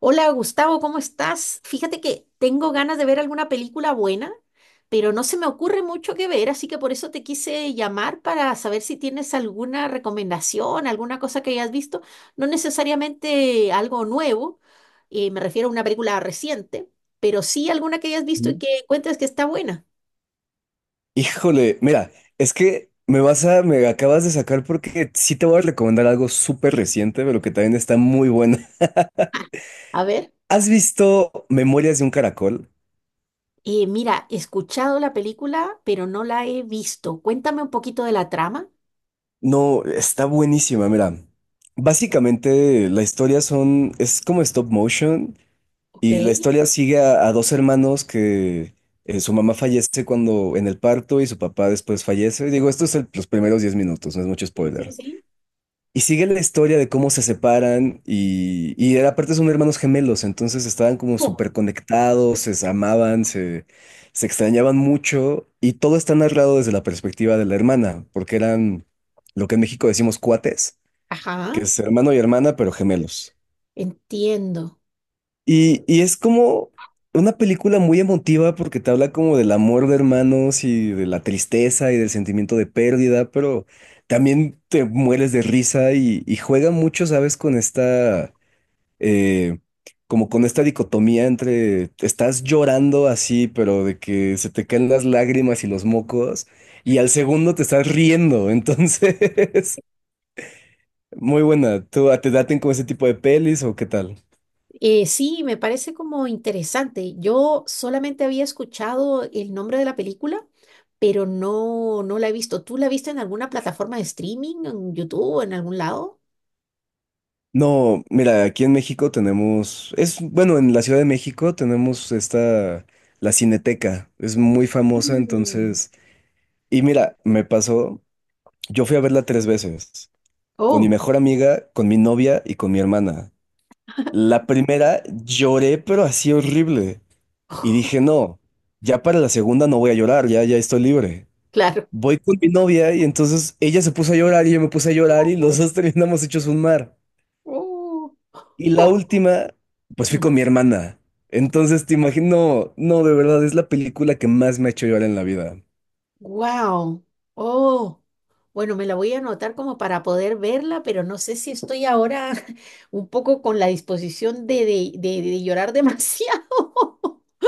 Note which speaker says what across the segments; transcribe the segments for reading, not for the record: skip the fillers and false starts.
Speaker 1: Hola Gustavo, ¿cómo estás? Fíjate que tengo ganas de ver alguna película buena, pero no se me ocurre mucho que ver, así que por eso te quise llamar para saber si tienes alguna recomendación, alguna cosa que hayas visto, no necesariamente algo nuevo, me refiero a una película reciente, pero sí alguna que hayas visto y
Speaker 2: Ujú.
Speaker 1: que encuentres que está buena.
Speaker 2: Híjole, mira, es que me vas a, me acabas de sacar porque sí te voy a recomendar algo súper reciente, pero que también está muy bueno.
Speaker 1: Ah, a ver,
Speaker 2: ¿Has visto Memorias de un Caracol?
Speaker 1: mira, he escuchado la película, pero no la he visto. Cuéntame un poquito de la trama.
Speaker 2: No, está buenísima, mira. Básicamente es como stop motion
Speaker 1: Ok,
Speaker 2: y la historia sigue a dos hermanos que su mamá fallece cuando en el parto y su papá después fallece. Digo, esto es los primeros 10 minutos, no es mucho
Speaker 1: sí, sí,
Speaker 2: spoiler.
Speaker 1: sí.
Speaker 2: Y sigue la historia de cómo se separan aparte son hermanos gemelos, entonces estaban como
Speaker 1: Oh.
Speaker 2: súper conectados, se amaban, se extrañaban mucho y todo está narrado desde la perspectiva de la hermana, porque eran lo que en México decimos cuates,
Speaker 1: Ajá.
Speaker 2: que es hermano y hermana, pero gemelos.
Speaker 1: Entiendo.
Speaker 2: Y es como una película muy emotiva porque te habla como del amor de hermanos y de la tristeza y del sentimiento de pérdida, pero también te mueres de risa y juega mucho, ¿sabes? Con esta, eh, como con esta dicotomía entre estás llorando así, pero de que se te caen las lágrimas y los mocos, y al segundo te estás riendo, entonces, muy buena. ¿Tú te daten con ese tipo de pelis o qué tal?
Speaker 1: Sí, me parece como interesante. Yo solamente había escuchado el nombre de la película, pero no, no la he visto. ¿Tú la viste en alguna plataforma de streaming, en YouTube, en algún lado?
Speaker 2: No, mira, aquí en México tenemos, es bueno, en la Ciudad de México tenemos esta, la Cineteca, es muy famosa,
Speaker 1: Mm.
Speaker 2: entonces, y mira, me pasó, yo fui a verla 3 veces, con mi
Speaker 1: Oh,
Speaker 2: mejor amiga, con mi novia y con mi hermana. La primera lloré, pero así horrible, y dije, no, ya para la segunda no voy a llorar, ya, ya estoy libre.
Speaker 1: claro.
Speaker 2: Voy con mi novia y entonces ella se puso a llorar y yo me puse a llorar y los dos terminamos hechos un mar.
Speaker 1: Oh,
Speaker 2: Y la última, pues fui con mi hermana. Entonces te imagino, no, de verdad, es la película que más me ha hecho llorar en la vida.
Speaker 1: wow. Oh, bueno, me la voy a anotar como para poder verla, pero no sé si estoy ahora un poco con la disposición de, de llorar demasiado.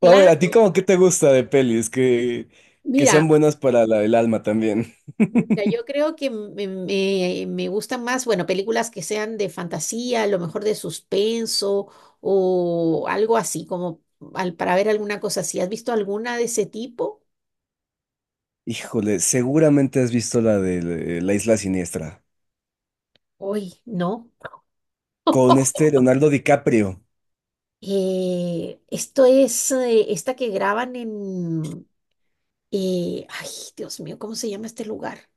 Speaker 2: O a ver, ¿a
Speaker 1: Claro.
Speaker 2: ti cómo qué te gusta de pelis? Que sean
Speaker 1: Mira.
Speaker 2: buenas para el alma también.
Speaker 1: Yo creo que me gustan más, bueno, películas que sean de fantasía, a lo mejor de suspenso o algo así, como para ver alguna cosa así. ¿Has visto alguna de ese tipo?
Speaker 2: Híjole, seguramente has visto la de La Isla Siniestra,
Speaker 1: Uy, no.
Speaker 2: con este Leonardo DiCaprio.
Speaker 1: Esto es esta que graban en... ay, Dios mío, ¿cómo se llama este lugar?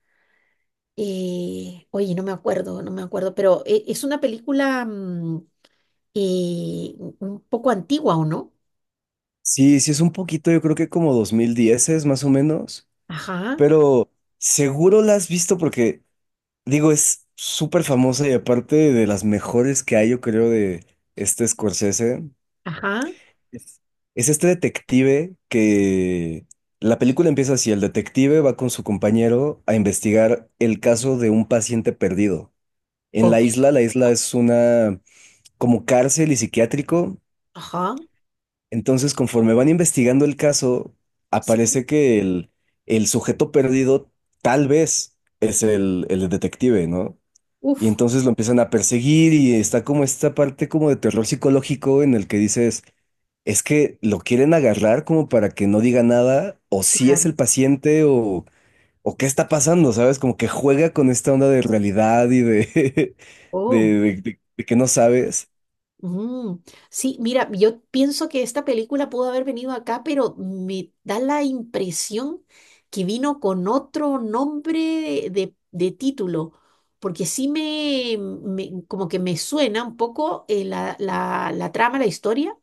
Speaker 1: Oye, no me acuerdo, no me acuerdo, pero es una película un poco antigua, ¿o no?
Speaker 2: Sí, sí, es un poquito, yo creo que como 2010 es más o menos,
Speaker 1: Ajá.
Speaker 2: pero seguro la has visto porque digo, es súper famosa y aparte de las mejores que hay, yo creo, de este Scorsese,
Speaker 1: Ajá,
Speaker 2: es es este detective que la película empieza así, el detective va con su compañero a investigar el caso de un paciente perdido. En
Speaker 1: ok,
Speaker 2: la isla es una como cárcel y psiquiátrico,
Speaker 1: ajá,
Speaker 2: entonces conforme van investigando el caso,
Speaker 1: sí,
Speaker 2: aparece que el sujeto perdido tal vez es el detective, ¿no? Y
Speaker 1: uf,
Speaker 2: entonces lo empiezan a perseguir y está como esta parte como de terror psicológico en el que dices, es que lo quieren agarrar como para que no diga nada, o si es
Speaker 1: claro,
Speaker 2: el paciente, o qué está pasando, ¿sabes? Como que juega con esta onda de realidad y de, de,
Speaker 1: oh,
Speaker 2: de que no sabes.
Speaker 1: mm. Sí, mira, yo pienso que esta película pudo haber venido acá, pero me da la impresión que vino con otro nombre título, porque sí como que me suena un poco la trama, la historia,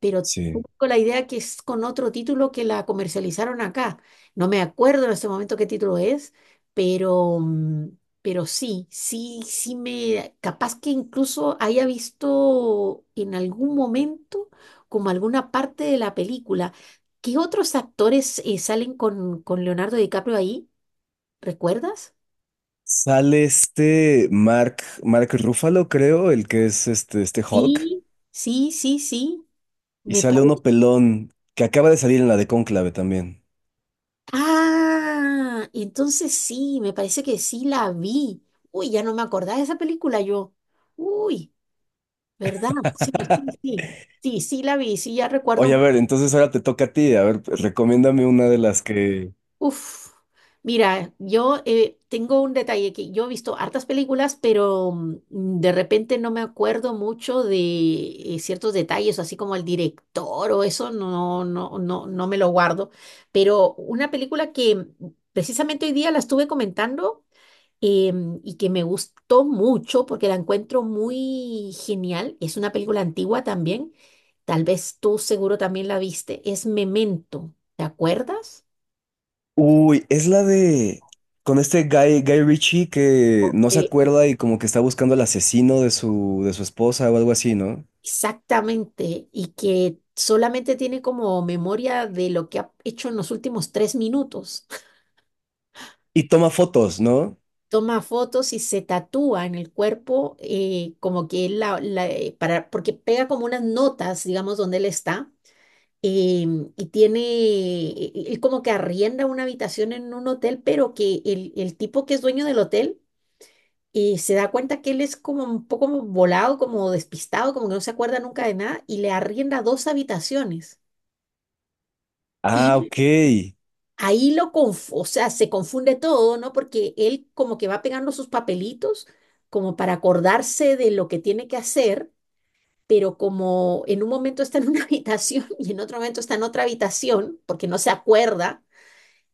Speaker 1: pero tengo
Speaker 2: Sí.
Speaker 1: la idea que es con otro título que la comercializaron acá. No me acuerdo en este momento qué título es, pero, mm, pero sí, sí, sí me, capaz que incluso haya visto en algún momento como alguna parte de la película. ¿Qué otros actores salen con Leonardo DiCaprio ahí? ¿Recuerdas?
Speaker 2: Sale este Mark, Mark Ruffalo, creo, el que es este, este Hulk,
Speaker 1: Sí, sí, sí, sí.
Speaker 2: y
Speaker 1: Me
Speaker 2: sale
Speaker 1: parece.
Speaker 2: uno pelón que acaba de salir en la de Cónclave también.
Speaker 1: Ah, entonces sí, me parece que sí la vi. Uy, ya no me acordaba de esa película yo. Uy, ¿verdad? Sí, sí, sí. Sí, sí la vi, sí, ya recuerdo.
Speaker 2: Oye, a ver, entonces ahora te toca a ti. A ver, pues, recomiéndame una de las que.
Speaker 1: Uf, mira, yo tengo un detalle que yo he visto hartas películas, pero de repente no me acuerdo mucho de ciertos detalles, así como el director o eso, no, no, no, no me lo guardo. Pero una película que precisamente hoy día la estuve comentando. Y que me gustó mucho porque la encuentro muy genial. Es una película antigua también. Tal vez tú seguro también la viste. Es Memento, ¿te acuerdas?
Speaker 2: Uy, es la de. Con este Guy Ritchie que no se
Speaker 1: Eh,
Speaker 2: acuerda y como que está buscando al asesino de su esposa o algo así, ¿no?
Speaker 1: Exactamente. Y que solamente tiene como memoria de lo que ha hecho en los últimos 3 minutos.
Speaker 2: Y toma fotos, ¿no?
Speaker 1: Toma fotos y se tatúa en el cuerpo como que él la, la- para, porque pega como unas notas, digamos, donde él está y él como que arrienda una habitación en un hotel, pero que el tipo que es dueño del hotel se da cuenta que él es como un poco volado, como despistado, como que no se acuerda nunca de nada, y le arrienda dos habitaciones.
Speaker 2: Ah,
Speaker 1: Y
Speaker 2: ok.
Speaker 1: ahí lo conf- o sea, se confunde todo, ¿no? Porque él como que va pegando sus papelitos como para acordarse de lo que tiene que hacer pero como en un momento está en una habitación y en otro momento está en otra habitación, porque no se acuerda,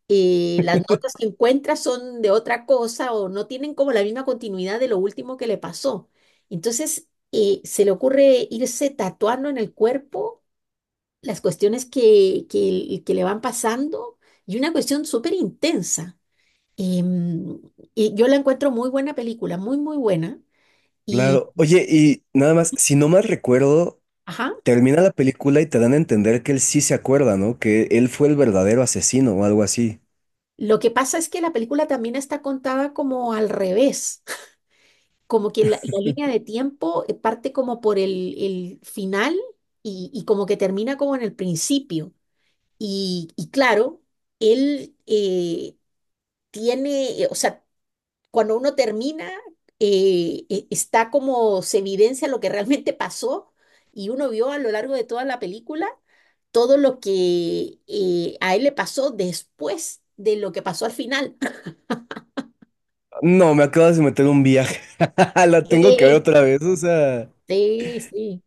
Speaker 1: y las notas que encuentra son de otra cosa o no tienen como la misma continuidad de lo último que le pasó. Entonces, se le ocurre irse tatuando en el cuerpo las cuestiones que le van pasando y una cuestión súper intensa. Em, y yo la encuentro muy buena película, muy, muy buena. Y,
Speaker 2: Claro. Oye, y nada más, si no mal recuerdo,
Speaker 1: ajá,
Speaker 2: termina la película y te dan a entender que él sí se acuerda, ¿no? Que él fue el verdadero asesino o algo así.
Speaker 1: lo que pasa es que la película también está contada como al revés. Como que la línea de tiempo parte como por el final, y como que termina como en el principio. Y claro, él tiene, o sea, cuando uno termina, está como se evidencia lo que realmente pasó y uno vio a lo largo de toda la película todo lo que a él le pasó después de lo que pasó al final.
Speaker 2: No, me acabas de meter un viaje. La tengo que ver otra vez, o sea.
Speaker 1: Sí, sí, sí.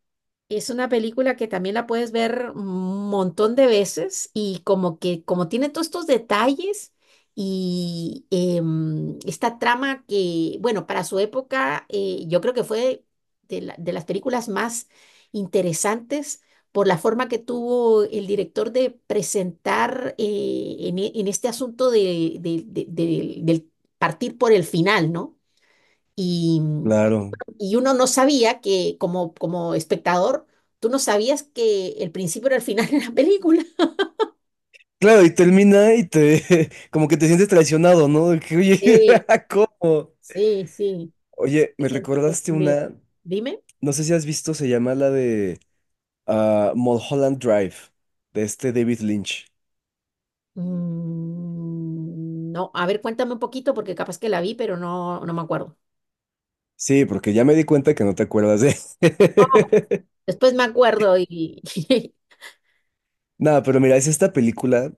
Speaker 1: Es una película que también la puedes ver un montón de veces y como que como tiene todos estos detalles y esta trama que, bueno, para su época yo creo que fue de las películas más interesantes por la forma que tuvo el director de presentar en, en este asunto del partir por el final, ¿no?
Speaker 2: Claro.
Speaker 1: Y uno no sabía que, como, como espectador, tú no sabías que el principio era el final de la película.
Speaker 2: Claro, y termina y te, como que te sientes traicionado, ¿no? De que, oye,
Speaker 1: Sí,
Speaker 2: ¿cómo?
Speaker 1: sí, sí.
Speaker 2: Oye, me
Speaker 1: Estoy
Speaker 2: recordaste
Speaker 1: confundido.
Speaker 2: una,
Speaker 1: Dime.
Speaker 2: no sé si has visto, se llama la de ah, Mulholland Drive, de este David Lynch.
Speaker 1: Mm, no, a ver, cuéntame un poquito porque capaz que la vi, pero no, no me acuerdo.
Speaker 2: Sí, porque ya me di cuenta que no te acuerdas de...
Speaker 1: No, después me acuerdo y...
Speaker 2: Nada, pero mira, es esta película,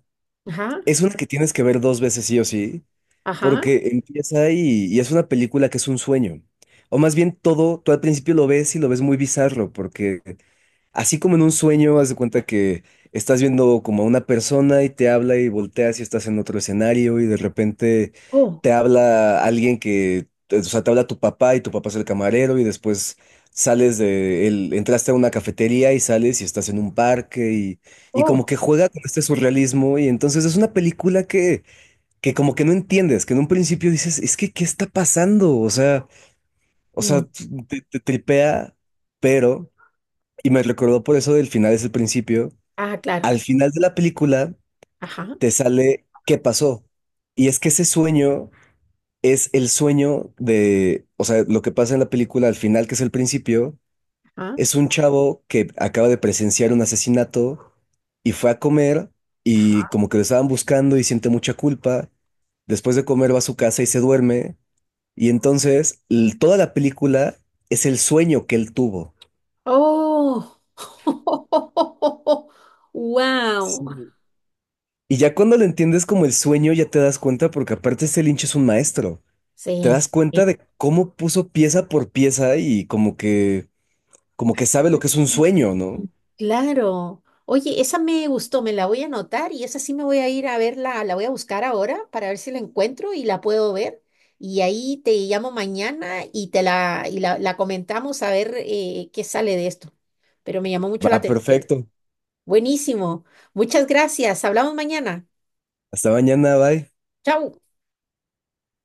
Speaker 1: Ajá,
Speaker 2: es una que tienes que ver 2 veces sí o sí,
Speaker 1: ajá.
Speaker 2: porque empieza y es una película que es un sueño. O más bien todo, tú al principio lo ves y lo ves muy bizarro, porque así como en un sueño, haz de cuenta que estás viendo como a una persona y te habla y volteas y estás en otro escenario y de repente
Speaker 1: Oh,
Speaker 2: te habla alguien que, o sea, te habla tu papá y tu papá es el camarero y después sales de él, entraste a una cafetería y sales y estás en un parque y como
Speaker 1: oh.
Speaker 2: que juega con este surrealismo y entonces es una película que como que no entiendes, que en un principio dices, es que, ¿qué está pasando? O
Speaker 1: mm,
Speaker 2: sea, te tripea, pero... Y me recordó por eso del final es el principio.
Speaker 1: Ah, claro.
Speaker 2: Al final de la película
Speaker 1: Ajá,
Speaker 2: te sale qué pasó. Y es que ese sueño es el sueño de, o sea, lo que pasa en la película al final, que es el principio,
Speaker 1: ajá.
Speaker 2: es un chavo que acaba de presenciar un asesinato y fue a comer y
Speaker 1: Ajá.
Speaker 2: como que lo estaban buscando y siente mucha culpa. Después de comer va a su casa y se duerme. Y entonces toda la película es el sueño que él tuvo.
Speaker 1: Oh. Wow.
Speaker 2: Sí. Y ya cuando lo entiendes como el sueño, ya te das cuenta, porque aparte este Lynch es un maestro. Te
Speaker 1: Sí.
Speaker 2: das cuenta de cómo puso pieza por pieza y como que sabe lo que es un sueño, ¿no?
Speaker 1: Claro. Oye, esa me gustó, me la voy a anotar y esa sí me voy a ir a verla, la voy a buscar ahora para ver si la encuentro y la puedo ver. Y ahí te llamo mañana y y la comentamos a ver qué sale de esto. Pero me llamó mucho la
Speaker 2: Va,
Speaker 1: atención.
Speaker 2: perfecto.
Speaker 1: Buenísimo. Muchas gracias. Hablamos mañana.
Speaker 2: Hasta mañana, bye.
Speaker 1: Chau.